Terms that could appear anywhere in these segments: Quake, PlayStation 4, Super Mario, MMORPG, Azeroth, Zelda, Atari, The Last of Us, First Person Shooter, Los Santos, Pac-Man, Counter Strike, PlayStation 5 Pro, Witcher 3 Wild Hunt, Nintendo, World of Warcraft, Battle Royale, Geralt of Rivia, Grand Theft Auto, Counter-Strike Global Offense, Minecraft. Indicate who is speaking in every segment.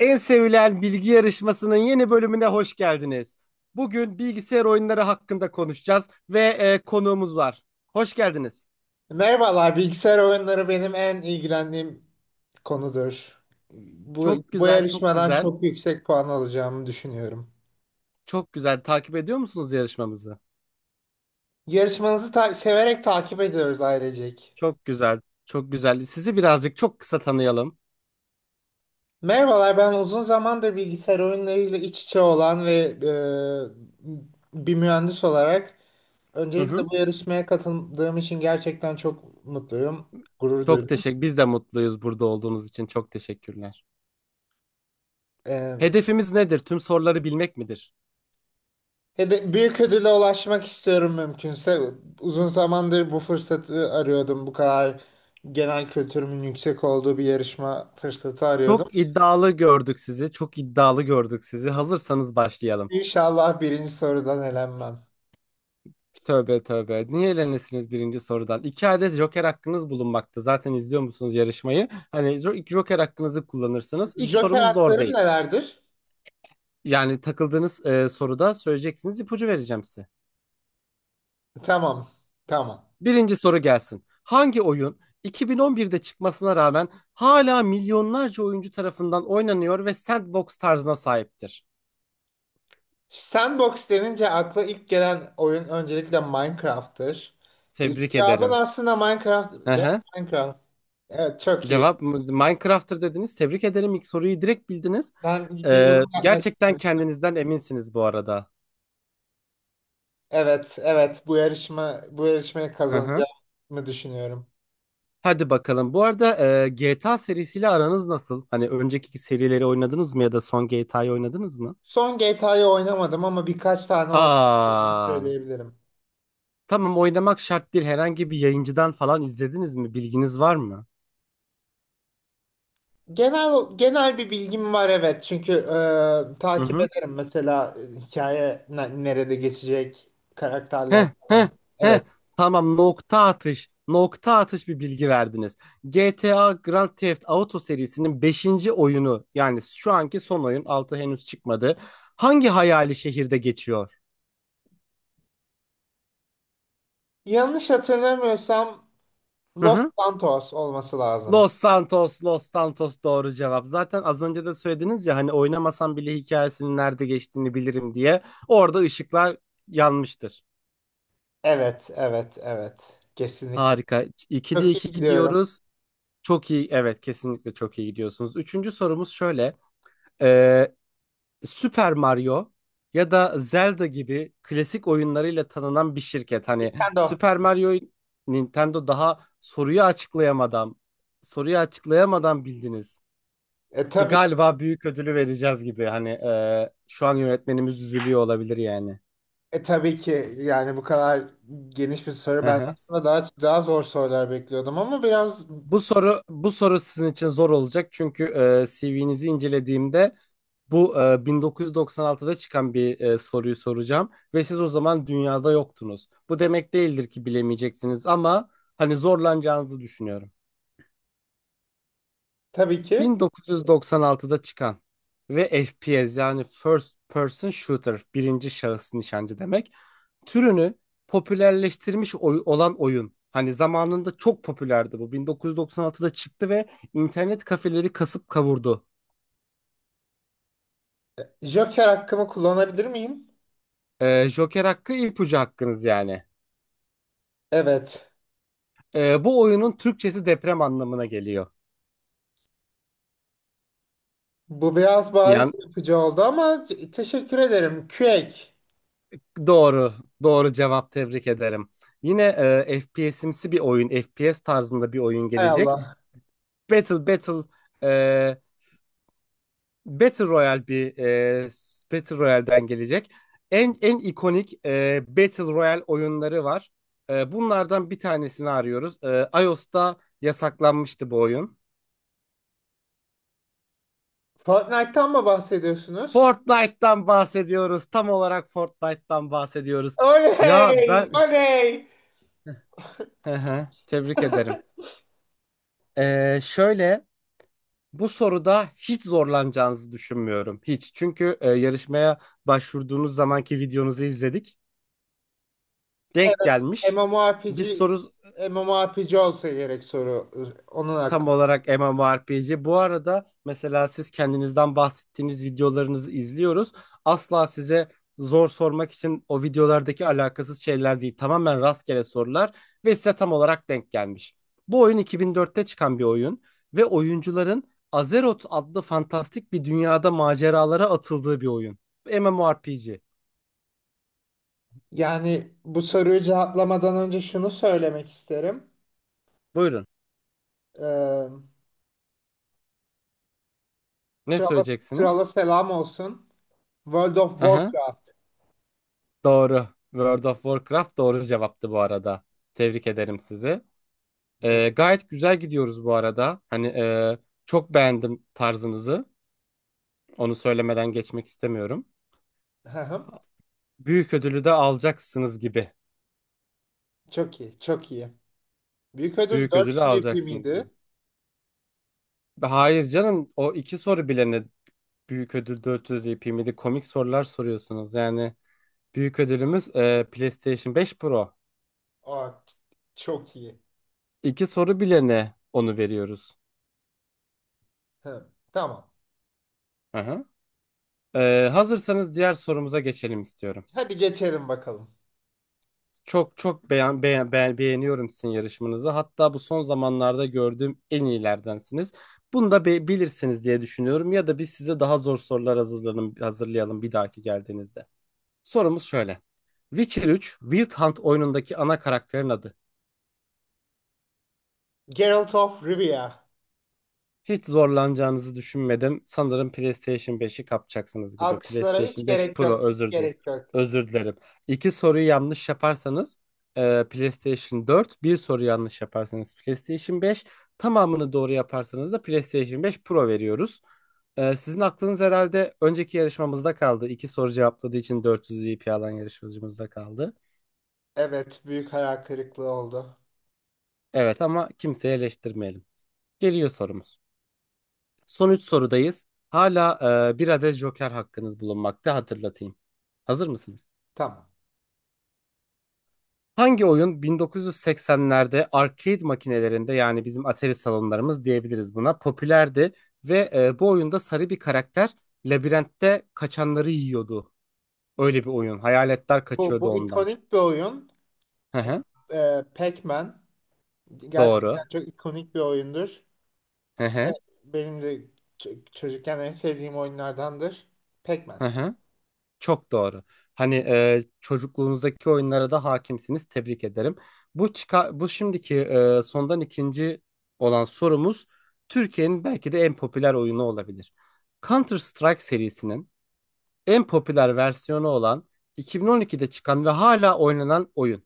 Speaker 1: En sevilen bilgi yarışmasının yeni bölümüne hoş geldiniz. Bugün bilgisayar oyunları hakkında konuşacağız ve konuğumuz var. Hoş geldiniz.
Speaker 2: Merhabalar, bilgisayar oyunları benim en ilgilendiğim konudur. Bu,
Speaker 1: Çok
Speaker 2: bu
Speaker 1: güzel, çok
Speaker 2: yarışmadan
Speaker 1: güzel,
Speaker 2: çok yüksek puan alacağımı düşünüyorum.
Speaker 1: çok güzel. Takip ediyor musunuz yarışmamızı?
Speaker 2: Yarışmanızı severek takip ediyoruz ailecek.
Speaker 1: Çok güzel, çok güzel. Sizi birazcık çok kısa tanıyalım.
Speaker 2: Merhabalar, ben uzun zamandır bilgisayar oyunlarıyla iç içe olan ve bir mühendis olarak
Speaker 1: Hı
Speaker 2: öncelikle
Speaker 1: hı.
Speaker 2: bu yarışmaya katıldığım için gerçekten çok mutluyum, gurur
Speaker 1: Çok
Speaker 2: duydum.
Speaker 1: teşekkür. Biz de mutluyuz burada olduğunuz için. Çok teşekkürler.
Speaker 2: E,
Speaker 1: Hedefimiz nedir? Tüm soruları bilmek midir?
Speaker 2: Ya büyük ödüle ulaşmak istiyorum mümkünse. Uzun zamandır bu fırsatı arıyordum. Bu kadar genel kültürümün yüksek olduğu bir yarışma fırsatı arıyordum.
Speaker 1: Çok iddialı gördük sizi. Çok iddialı gördük sizi. Hazırsanız başlayalım.
Speaker 2: İnşallah birinci sorudan elenmem.
Speaker 1: Tövbe tövbe. Niye elenesiniz birinci sorudan? İki adet Joker hakkınız bulunmakta. Zaten izliyor musunuz yarışmayı? Hani Joker hakkınızı kullanırsınız. İlk
Speaker 2: Joker
Speaker 1: sorumuz zor
Speaker 2: haklarım
Speaker 1: değil.
Speaker 2: nelerdir?
Speaker 1: Yani takıldığınız soruda söyleyeceksiniz. İpucu vereceğim size.
Speaker 2: Tamam, tamam.
Speaker 1: Birinci soru gelsin. Hangi oyun 2011'de çıkmasına rağmen hala milyonlarca oyuncu tarafından oynanıyor ve sandbox tarzına sahiptir?
Speaker 2: Sandbox denince akla ilk gelen oyun öncelikle Minecraft'tır.
Speaker 1: Tebrik
Speaker 2: Cevabın
Speaker 1: ederim.
Speaker 2: aslında Minecraft.
Speaker 1: Hı
Speaker 2: Cevap
Speaker 1: hı.
Speaker 2: Minecraft. Evet, çok iyi.
Speaker 1: Cevap Minecraft'tır dediniz. Tebrik ederim. İlk soruyu direkt bildiniz.
Speaker 2: Ben bir yorum yapmak
Speaker 1: Gerçekten
Speaker 2: istemiştim.
Speaker 1: kendinizden eminsiniz bu arada.
Speaker 2: Evet, evet. Bu yarışmayı
Speaker 1: Hı hı.
Speaker 2: kazanacağımı düşünüyorum.
Speaker 1: Hadi bakalım. Bu arada GTA serisiyle aranız nasıl? Hani önceki serileri oynadınız mı ya da son GTA'yı oynadınız mı?
Speaker 2: Son GTA'yı oynamadım ama birkaç tane oynadığımı
Speaker 1: Aa,
Speaker 2: söyleyebilirim.
Speaker 1: tamam oynamak şart değil. Herhangi bir yayıncıdan falan izlediniz mi? Bilginiz var mı?
Speaker 2: Genel bir bilgim var, evet. Çünkü
Speaker 1: Hı
Speaker 2: takip
Speaker 1: hı.
Speaker 2: ederim mesela hikaye nerede geçecek, karakterler
Speaker 1: Heh,
Speaker 2: falan.
Speaker 1: heh, heh.
Speaker 2: Evet.
Speaker 1: Tamam nokta atış. Nokta atış bir bilgi verdiniz. GTA Grand Theft Auto serisinin beşinci oyunu, yani şu anki son oyun, 6 henüz çıkmadı. Hangi hayali şehirde geçiyor?
Speaker 2: Yanlış hatırlamıyorsam
Speaker 1: Hı
Speaker 2: Los
Speaker 1: hı.
Speaker 2: Santos olması lazım.
Speaker 1: Los Santos, Los Santos doğru cevap. Zaten az önce de söylediniz ya hani oynamasam bile hikayesinin nerede geçtiğini bilirim diye. Orada ışıklar yanmıştır.
Speaker 2: Evet, evet, evet. Kesinlikle.
Speaker 1: Harika. 2'de
Speaker 2: Çok iyi
Speaker 1: 2
Speaker 2: gidiyorum.
Speaker 1: gidiyoruz. Çok iyi. Evet, kesinlikle çok iyi gidiyorsunuz. Üçüncü sorumuz şöyle. Ee, Super Mario ya da Zelda gibi klasik oyunlarıyla tanınan bir şirket. Hani
Speaker 2: Sen de o.
Speaker 1: Super Mario Nintendo daha soruyu açıklayamadan bildiniz. Bu
Speaker 2: Tabii.
Speaker 1: galiba büyük ödülü vereceğiz gibi. Hani şu an yönetmenimiz üzülüyor olabilir yani.
Speaker 2: Tabii ki yani bu kadar geniş bir soru.
Speaker 1: Hı
Speaker 2: Ben
Speaker 1: hı.
Speaker 2: aslında daha zor sorular bekliyordum ama biraz,
Speaker 1: Bu soru sizin için zor olacak çünkü CV'nizi incelediğimde bu 1996'da çıkan bir soruyu soracağım ve siz o zaman dünyada yoktunuz. Bu demek değildir ki bilemeyeceksiniz ama hani zorlanacağınızı düşünüyorum.
Speaker 2: tabii ki.
Speaker 1: 1996'da çıkan ve FPS, yani First Person Shooter, birinci şahıs nişancı demek, türünü popülerleştirmiş olan oyun. Hani zamanında çok popülerdi bu. 1996'da çıktı ve internet kafeleri kasıp kavurdu.
Speaker 2: Joker hakkımı kullanabilir miyim?
Speaker 1: Joker hakkı, ipucu hakkınız yani.
Speaker 2: Evet.
Speaker 1: Bu oyunun Türkçesi deprem anlamına geliyor.
Speaker 2: Bu biraz bariz
Speaker 1: Yani
Speaker 2: yapıcı oldu ama teşekkür ederim. Quake.
Speaker 1: doğru, doğru cevap, tebrik ederim. Yine FPS'imsi bir oyun, FPS tarzında bir oyun
Speaker 2: Hay
Speaker 1: gelecek.
Speaker 2: Allah.
Speaker 1: Battle e, Battle Royale, bir Battle Royale'den gelecek. En ikonik Battle Royale oyunları var. Bunlardan bir tanesini arıyoruz. iOS'ta yasaklanmıştı bu oyun.
Speaker 2: Fortnite'tan mı bahsediyorsunuz?
Speaker 1: Fortnite'dan bahsediyoruz. Tam olarak Fortnite'dan bahsediyoruz. Ya
Speaker 2: Oley!
Speaker 1: ben
Speaker 2: Oley!
Speaker 1: tebrik ederim. Şöyle, bu soruda hiç zorlanacağınızı düşünmüyorum. Hiç. Çünkü yarışmaya başvurduğunuz zamanki videonuzu izledik. Denk
Speaker 2: Evet.
Speaker 1: gelmiş. Biz
Speaker 2: MMORPG
Speaker 1: soru
Speaker 2: MMORPG olsa gerek soru. Onun
Speaker 1: tam
Speaker 2: hakkı.
Speaker 1: olarak MMORPG. Bu arada mesela siz kendinizden bahsettiğiniz videolarınızı izliyoruz. Asla size zor sormak için o videolardaki alakasız şeyler değil. Tamamen rastgele sorular ve size tam olarak denk gelmiş. Bu oyun 2004'te çıkan bir oyun ve oyuncuların Azeroth adlı fantastik bir dünyada maceralara atıldığı bir oyun. MMORPG.
Speaker 2: Yani bu soruyu cevaplamadan önce şunu söylemek isterim.
Speaker 1: Buyurun.
Speaker 2: Ee,
Speaker 1: Ne
Speaker 2: Trala,
Speaker 1: söyleyeceksiniz?
Speaker 2: Trala selam olsun. World of
Speaker 1: Hı hı.
Speaker 2: Warcraft.
Speaker 1: Doğru. World of Warcraft doğru cevaptı bu arada. Tebrik ederim sizi.
Speaker 2: De-
Speaker 1: Gayet güzel gidiyoruz bu arada. Hani çok beğendim tarzınızı. Onu söylemeden geçmek istemiyorum.
Speaker 2: Hı hı.
Speaker 1: Büyük ödülü de alacaksınız gibi.
Speaker 2: Çok iyi, çok iyi. Büyük ödül
Speaker 1: Büyük ödülü
Speaker 2: 400 ipi
Speaker 1: alacaksınız
Speaker 2: miydi?
Speaker 1: gibi. Hayır canım, o iki soru bile ne, büyük ödül 400 EP miydi? Komik sorular soruyorsunuz. Yani büyük ödülümüz PlayStation 5 Pro.
Speaker 2: Aa, çok iyi.
Speaker 1: İki soru bile ne, onu veriyoruz.
Speaker 2: Hı, tamam.
Speaker 1: Aha. Hazırsanız diğer sorumuza geçelim istiyorum.
Speaker 2: Hadi geçelim bakalım.
Speaker 1: Çok çok beğeniyorum sizin yarışmanızı. Hatta bu son zamanlarda gördüğüm en iyilerdensiniz. Bunu da bilirsiniz diye düşünüyorum. Ya da biz size daha zor sorular hazırlayalım bir dahaki geldiğinizde. Sorumuz şöyle. Witcher 3 Wild Hunt oyunundaki ana karakterin adı.
Speaker 2: Geralt of Rivia.
Speaker 1: Hiç zorlanacağınızı düşünmedim. Sanırım PlayStation 5'i kapacaksınız gibi.
Speaker 2: Alkışlara hiç
Speaker 1: PlayStation 5
Speaker 2: gerek
Speaker 1: Pro,
Speaker 2: yok, hiç gerek yok.
Speaker 1: özür dilerim. İki soruyu yanlış yaparsanız PlayStation 4, bir soru yanlış yaparsanız PlayStation 5, tamamını doğru yaparsanız da PlayStation 5 Pro veriyoruz. Sizin aklınız herhalde önceki yarışmamızda kaldı. İki soru cevapladığı için 400 VP alan yarışmacımızda kaldı.
Speaker 2: Evet, büyük hayal kırıklığı oldu.
Speaker 1: Evet ama kimseyi eleştirmeyelim. Geliyor sorumuz. Son 3 sorudayız. Hala bir adet Joker hakkınız bulunmakta, hatırlatayım. Hazır mısınız?
Speaker 2: Tamam.
Speaker 1: Hangi oyun 1980'lerde arcade makinelerinde, yani bizim Atari salonlarımız diyebiliriz buna, popülerdi ve bu oyunda sarı bir karakter labirentte kaçanları yiyordu. Öyle bir oyun. Hayaletler
Speaker 2: Bu,
Speaker 1: kaçıyordu
Speaker 2: bu
Speaker 1: ondan.
Speaker 2: ikonik bir oyun.
Speaker 1: Hı
Speaker 2: E,
Speaker 1: hı.
Speaker 2: Pac-Man
Speaker 1: Doğru.
Speaker 2: gerçekten çok ikonik bir oyundur.
Speaker 1: Hı
Speaker 2: Evet,
Speaker 1: hı.
Speaker 2: benim de çocukken en sevdiğim oyunlardandır. Pac-Man.
Speaker 1: Hı hı. Çok doğru. Hani çocukluğunuzdaki oyunlara da hakimsiniz. Tebrik ederim. Bu şimdiki, sondan ikinci olan sorumuz, Türkiye'nin belki de en popüler oyunu olabilir. Counter Strike serisinin en popüler versiyonu olan, 2012'de çıkan ve hala oynanan oyun.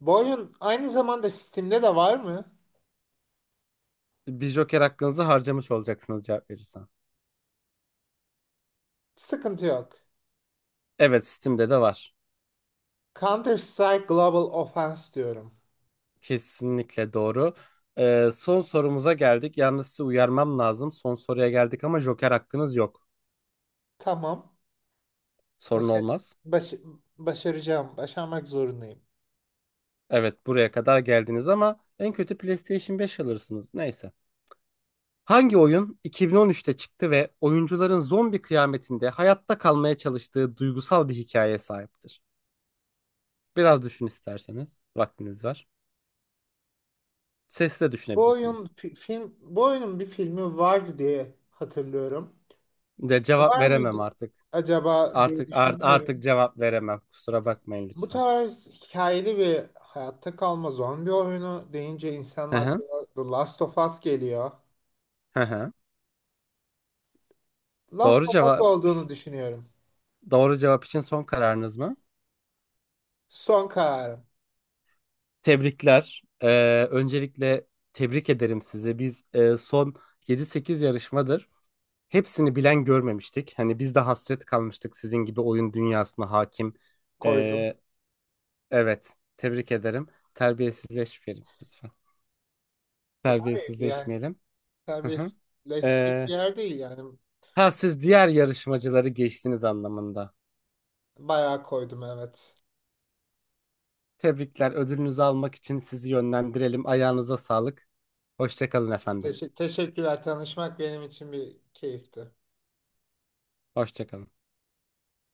Speaker 2: Bu oyun aynı zamanda Steam'de de var mı?
Speaker 1: Bir Joker hakkınızı harcamış olacaksınız cevap verirsen.
Speaker 2: Sıkıntı yok.
Speaker 1: Evet, Steam'de de var.
Speaker 2: Counter-Strike Global Offense diyorum.
Speaker 1: Kesinlikle doğru. Son sorumuza geldik. Yalnız sizi uyarmam lazım. Son soruya geldik ama Joker hakkınız yok.
Speaker 2: Tamam.
Speaker 1: Sorun
Speaker 2: Başa-
Speaker 1: olmaz.
Speaker 2: baş- Başaracağım. Başarmak zorundayım.
Speaker 1: Evet, buraya kadar geldiniz ama en kötü PlayStation 5 alırsınız. Neyse. Hangi oyun 2013'te çıktı ve oyuncuların zombi kıyametinde hayatta kalmaya çalıştığı duygusal bir hikayeye sahiptir? Biraz düşün isterseniz. Vaktiniz var. Sesle düşünebilirsiniz.
Speaker 2: Bu oyunun bir filmi vardı diye hatırlıyorum.
Speaker 1: De cevap
Speaker 2: Var
Speaker 1: veremem
Speaker 2: mıydı
Speaker 1: artık.
Speaker 2: acaba diye
Speaker 1: Artık
Speaker 2: düşünüyorum.
Speaker 1: cevap veremem. Kusura bakmayın
Speaker 2: Bu
Speaker 1: lütfen.
Speaker 2: tarz hikayeli bir hayatta kalma zombi oyunu deyince insanın
Speaker 1: Hı hı.
Speaker 2: aklına The Last of Us geliyor.
Speaker 1: Hı hı.
Speaker 2: Last
Speaker 1: Doğru
Speaker 2: of Us
Speaker 1: cevap.
Speaker 2: olduğunu düşünüyorum.
Speaker 1: Doğru cevap için son kararınız mı?
Speaker 2: Son kararım,
Speaker 1: Tebrikler. Öncelikle tebrik ederim sizi. Biz son yedi sekiz yarışmadır hepsini bilen görmemiştik. Hani biz de hasret kalmıştık sizin gibi oyun dünyasına hakim.
Speaker 2: koydum.
Speaker 1: Ee, evet, tebrik ederim. Terbiyesizleşmeyelim lütfen.
Speaker 2: Hayır, yani
Speaker 1: Terbiyesizleşmeyelim. Hı hı.
Speaker 2: serbestleşik
Speaker 1: Ee,
Speaker 2: bir yer değil yani.
Speaker 1: ha, siz diğer yarışmacıları geçtiniz anlamında.
Speaker 2: Bayağı koydum, evet.
Speaker 1: Tebrikler. Ödülünüzü almak için sizi yönlendirelim. Ayağınıza sağlık. Hoşça kalın efendim.
Speaker 2: Teşekkürler, tanışmak benim için bir keyifti.
Speaker 1: Hoşça kalın.